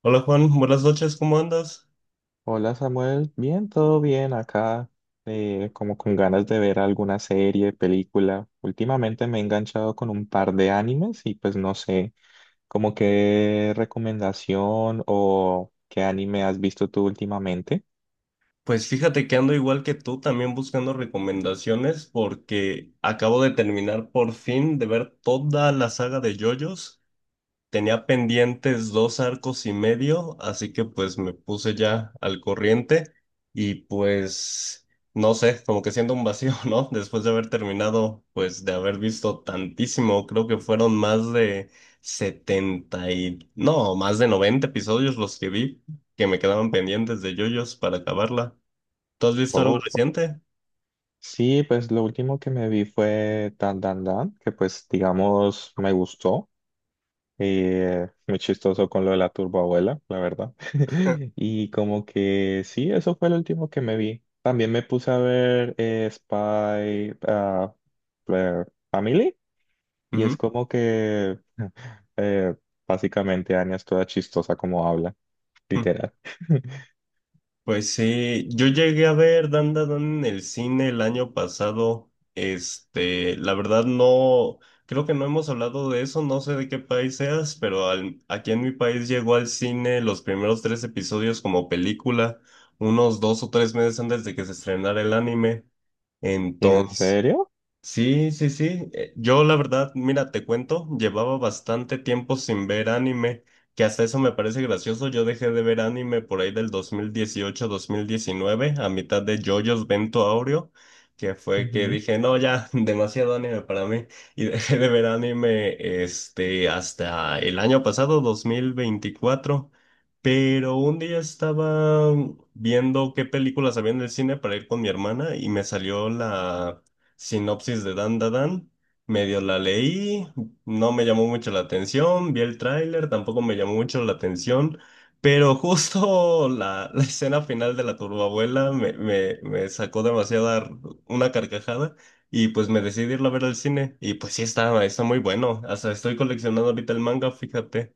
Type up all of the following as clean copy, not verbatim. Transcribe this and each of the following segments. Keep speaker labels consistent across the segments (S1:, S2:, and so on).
S1: Hola Juan, buenas noches, ¿cómo andas?
S2: Hola Samuel, bien, todo bien acá, como con ganas de ver alguna serie, película. Últimamente me he enganchado con un par de animes y pues no sé, como qué recomendación o qué anime has visto tú últimamente.
S1: Pues fíjate que ando igual que tú, también buscando recomendaciones porque acabo de terminar por fin de ver toda la saga de JoJo's. Tenía pendientes dos arcos y medio, así que pues me puse ya al corriente y pues no sé, como que siento un vacío, ¿no? Después de haber terminado, pues de haber visto tantísimo, creo que fueron más de 70 y no, más de 90 episodios los que vi que me quedaban pendientes de JoJo's para acabarla. ¿Tú has visto algo
S2: Oh,
S1: reciente?
S2: sí, pues lo último que me vi fue Dan Dan Dan, que pues digamos me gustó. Y muy chistoso con lo de la turboabuela, la verdad. Y como que sí, eso fue lo último que me vi. También me puse a ver Spy eh, Family. Y es
S1: Ujú.
S2: como que eh, básicamente Anya es toda chistosa como habla, literal.
S1: Pues sí, yo llegué a ver Dan Dan Dan en el cine el año pasado. Este, la verdad no, creo que no hemos hablado de eso, no sé de qué país seas, pero aquí en mi país llegó al cine los primeros tres episodios como película, unos 2 o 3 meses antes de que se estrenara el anime.
S2: ¿En
S1: Entonces,
S2: serio?
S1: sí, sí, sí. Yo la verdad, mira, te cuento, llevaba bastante tiempo sin ver anime, que hasta eso me parece gracioso. Yo dejé de ver anime por ahí del 2018-2019, a mitad de JoJo's Vento Aureo, que fue que dije, no, ya, demasiado anime para mí. Y dejé de ver anime este, hasta el año pasado, 2024. Pero un día estaba viendo qué películas había en el cine para ir con mi hermana y me salió la sinopsis de Dan Da Dan. Medio la leí, no me llamó mucho la atención, vi el tráiler, tampoco me llamó mucho la atención, pero justo la escena final de la turbabuela me sacó una carcajada y pues me decidí irla a ver al cine y pues sí está muy bueno, hasta estoy coleccionando ahorita el manga, fíjate.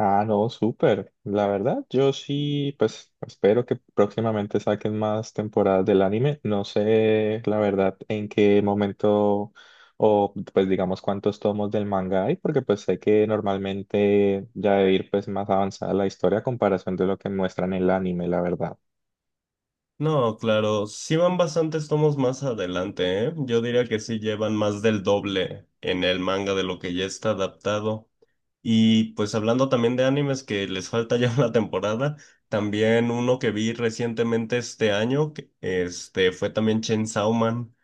S2: Ah, no, súper. La verdad, yo sí, pues espero que próximamente saquen más temporadas del anime. No sé, la verdad, en qué momento o pues digamos cuántos tomos del manga hay, porque pues sé que normalmente ya debe ir pues más avanzada la historia a comparación de lo que muestran en el anime, la verdad.
S1: No, claro, sí van bastantes tomos más adelante, ¿eh? Yo diría que sí llevan más del doble en el manga de lo que ya está adaptado. Y pues hablando también de animes que les falta ya una temporada, también uno que vi recientemente este año, que, este, fue también Chainsaw Man,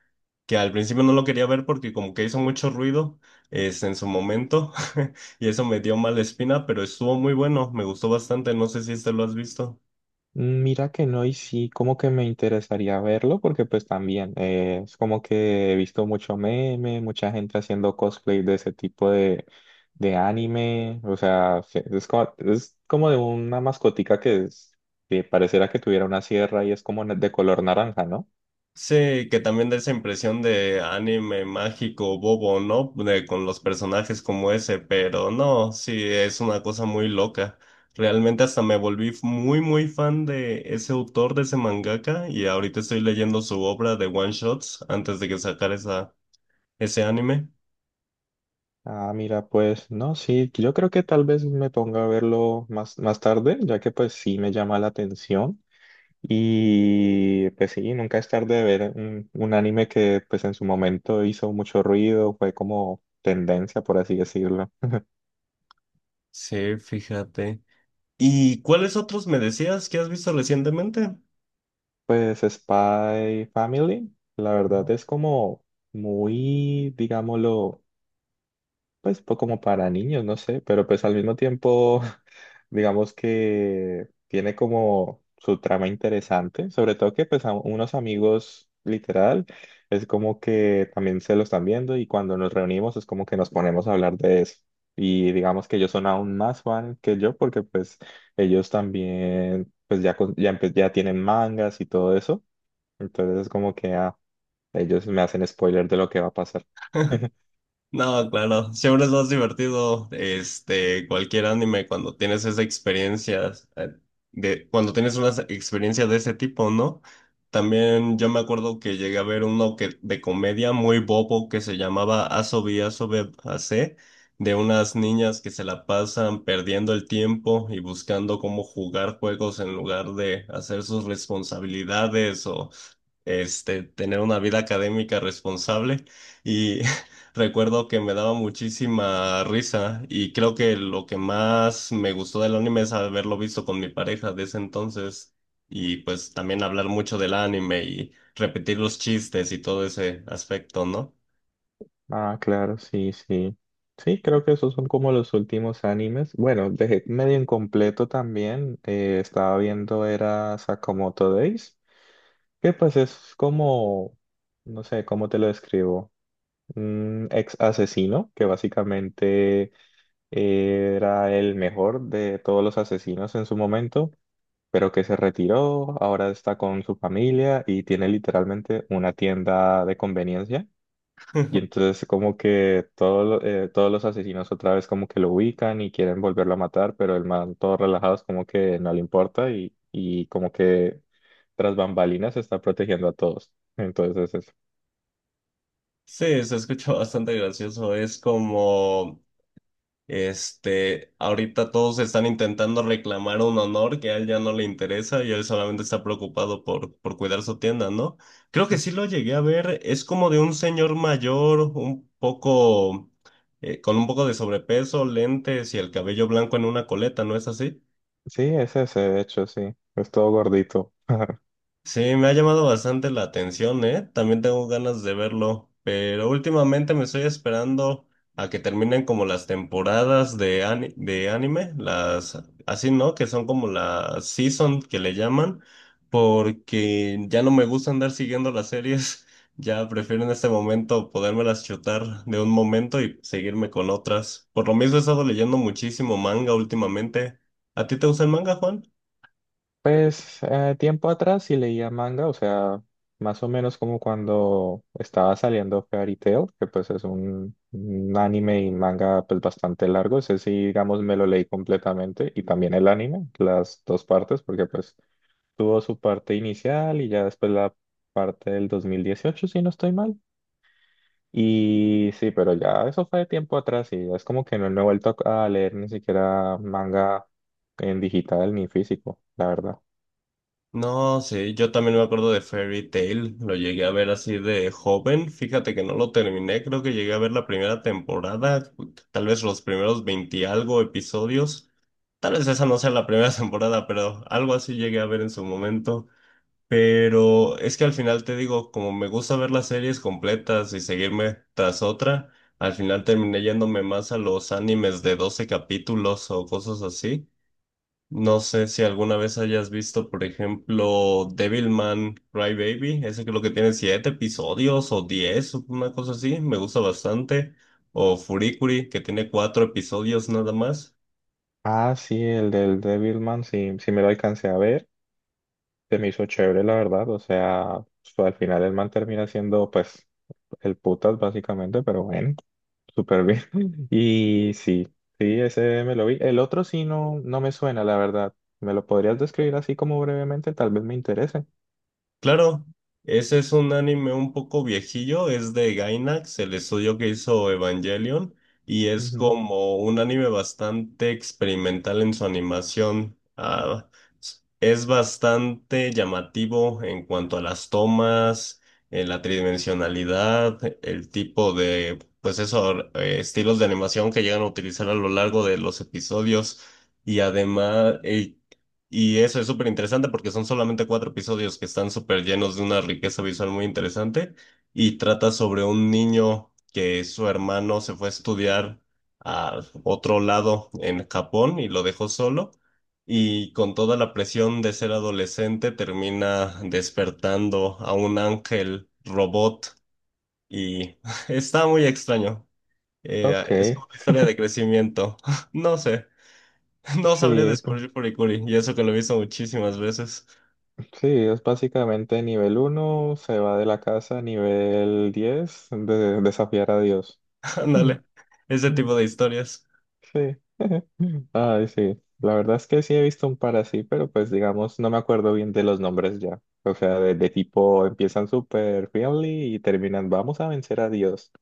S1: que al principio no lo quería ver porque como que hizo mucho ruido, es, en su momento, y eso me dio mala espina, pero estuvo muy bueno, me gustó bastante, no sé si este lo has visto.
S2: Mira que no, y sí, como que me interesaría verlo, porque pues también es como que he visto mucho meme, mucha gente haciendo cosplay de ese tipo de anime, o sea, es como de una mascotica que, es, que pareciera que tuviera una sierra y es como de color naranja, ¿no?
S1: Sí, que también da esa impresión de anime mágico bobo, ¿no? De, con los personajes como ese, pero no, sí, es una cosa muy loca. Realmente hasta me volví muy, muy fan de ese autor, de ese mangaka, y ahorita estoy leyendo su obra de One Shots antes de que sacara esa, ese anime.
S2: Ah, mira, pues no, sí, yo creo que tal vez me ponga a verlo más, más tarde, ya que pues sí me llama la atención. Y pues sí, nunca es tarde de ver un anime que pues en su momento hizo mucho ruido, fue como tendencia, por así decirlo.
S1: Sí, fíjate. ¿Y cuáles otros me decías que has visto recientemente?
S2: Pues Spy Family, la verdad es como muy, digámoslo, pues como para niños, no sé, pero pues al mismo tiempo, digamos que tiene como su trama interesante, sobre todo que pues a unos amigos literal es como que también se lo están viendo y cuando nos reunimos es como que nos ponemos a hablar de eso. Y digamos que ellos son aún más fan que yo porque pues ellos también pues ya, ya, ya tienen mangas y todo eso, entonces es como que ah, ellos me hacen spoiler de lo que va a pasar.
S1: No, claro, siempre es más divertido, este, cualquier anime cuando tienes esa experiencia, de, cuando tienes una experiencia de ese tipo, ¿no? También yo me acuerdo que llegué a ver uno que, de comedia muy bobo que se llamaba Asobi Asobe Ase, de unas niñas que se la pasan perdiendo el tiempo y buscando cómo jugar juegos en lugar de hacer sus responsabilidades o este, tener una vida académica responsable y recuerdo que me daba muchísima risa y creo que lo que más me gustó del anime es haberlo visto con mi pareja de ese entonces y pues también hablar mucho del anime y repetir los chistes y todo ese aspecto, ¿no?
S2: Ah, claro, sí, sí. Sí, creo que esos son como los últimos animes. Bueno, dejé medio incompleto también. Estaba viendo era Sakamoto Days, que pues es como, no sé, ¿cómo te lo describo? Un ex asesino que básicamente era el mejor de todos los asesinos en su momento, pero que se retiró, ahora está con su familia y tiene literalmente una tienda de conveniencia. Y entonces como que todo, todos los asesinos otra vez como que lo ubican y quieren volverlo a matar, pero el man todo relajado es como que no le importa y como que tras bambalinas está protegiendo a todos. Entonces es, eso.
S1: Sí, se escucha bastante gracioso. Es como este, ahorita todos están intentando reclamar un honor que a él ya no le interesa y él solamente está preocupado por cuidar su tienda, ¿no? Creo que sí lo llegué a ver, es como de un señor mayor, un poco, con un poco de sobrepeso, lentes y el cabello blanco en una coleta, ¿no es así?
S2: Sí, es ese de hecho, sí, es todo gordito.
S1: Sí, me ha llamado bastante la atención, ¿eh? También tengo ganas de verlo, pero últimamente me estoy esperando a que terminen como las temporadas de anime, las así, ¿no? Que son como la season que le llaman, porque ya no me gusta andar siguiendo las series, ya prefiero en este momento podérmelas chutar de un momento y seguirme con otras. Por lo mismo he estado leyendo muchísimo manga últimamente. ¿A ti te gusta el manga, Juan?
S2: Pues tiempo atrás sí leía manga, o sea, más o menos como cuando estaba saliendo Fairy Tail, que pues es un anime y manga pues bastante largo, ese sí, digamos, me lo leí completamente y también el anime, las dos partes, porque pues tuvo su parte inicial y ya después la parte del 2018 si no estoy mal. Y sí, pero ya eso fue de tiempo atrás y ya es como que no me he vuelto a leer ni siquiera manga en digital ni físico, la verdad.
S1: No, sí, yo también me acuerdo de Fairy Tail, lo llegué a ver así de joven, fíjate que no lo terminé, creo que llegué a ver la primera temporada, tal vez los primeros 20 y algo episodios, tal vez esa no sea la primera temporada, pero algo así llegué a ver en su momento, pero es que al final te digo, como me gusta ver las series completas y seguirme tras otra, al final terminé yéndome más a los animes de 12 capítulos o cosas así. No sé si alguna vez hayas visto, por ejemplo, Devilman Crybaby, ese creo que tiene siete episodios o 10, o una cosa así, me gusta bastante. O Furikuri, que tiene cuatro episodios nada más.
S2: Ah, sí, el del Devilman, sí, sí me lo alcancé a ver, se me hizo chévere, la verdad, o sea, al final el man termina siendo, pues, el putas básicamente, pero bueno, súper bien. Y sí, sí, ese me lo vi. El otro sí no, no me suena, la verdad. ¿Me lo podrías describir así como brevemente? Tal vez me interese.
S1: Claro, ese es un anime un poco viejillo, es de Gainax, el estudio que hizo Evangelion, y es
S2: Ujú.
S1: como un anime bastante experimental en su animación. Ah, es bastante llamativo en cuanto a las tomas, la tridimensionalidad, el tipo de, pues eso, estilos de animación que llegan a utilizar a lo largo de los episodios, y además, y eso es súper interesante porque son solamente cuatro episodios que están súper llenos de una riqueza visual muy interesante y trata sobre un niño que su hermano se fue a estudiar a otro lado en Japón y lo dejó solo y con toda la presión de ser adolescente termina despertando a un ángel robot y está muy extraño.
S2: Ok,
S1: Es como una historia de crecimiento. No sé. No sabría
S2: sí,
S1: descubrir Furikuri, y eso que lo he visto muchísimas veces.
S2: sí, es básicamente nivel uno se va de la casa, nivel 10 de, desafiar a Dios.
S1: Ándale, ese tipo de historias.
S2: Sí. Ay, sí. La verdad es que sí he visto un par así, pero pues digamos, no me acuerdo bien de los nombres ya. O sea, de tipo empiezan super friendly y terminan, vamos a vencer a Dios.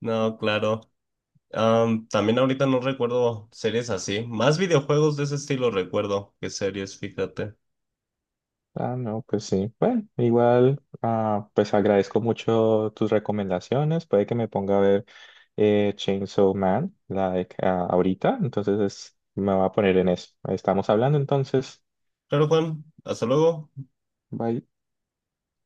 S1: No, claro. Am, también ahorita no recuerdo series así. Más videojuegos de ese estilo recuerdo que series, fíjate.
S2: Ah, no, pues sí. Bueno, igual, ah, pues agradezco mucho tus recomendaciones. Puede que me ponga a ver Chainsaw Man, la de, ah, ahorita. Me va a poner en eso. Estamos hablando entonces.
S1: Claro, Juan, hasta luego.
S2: Bye.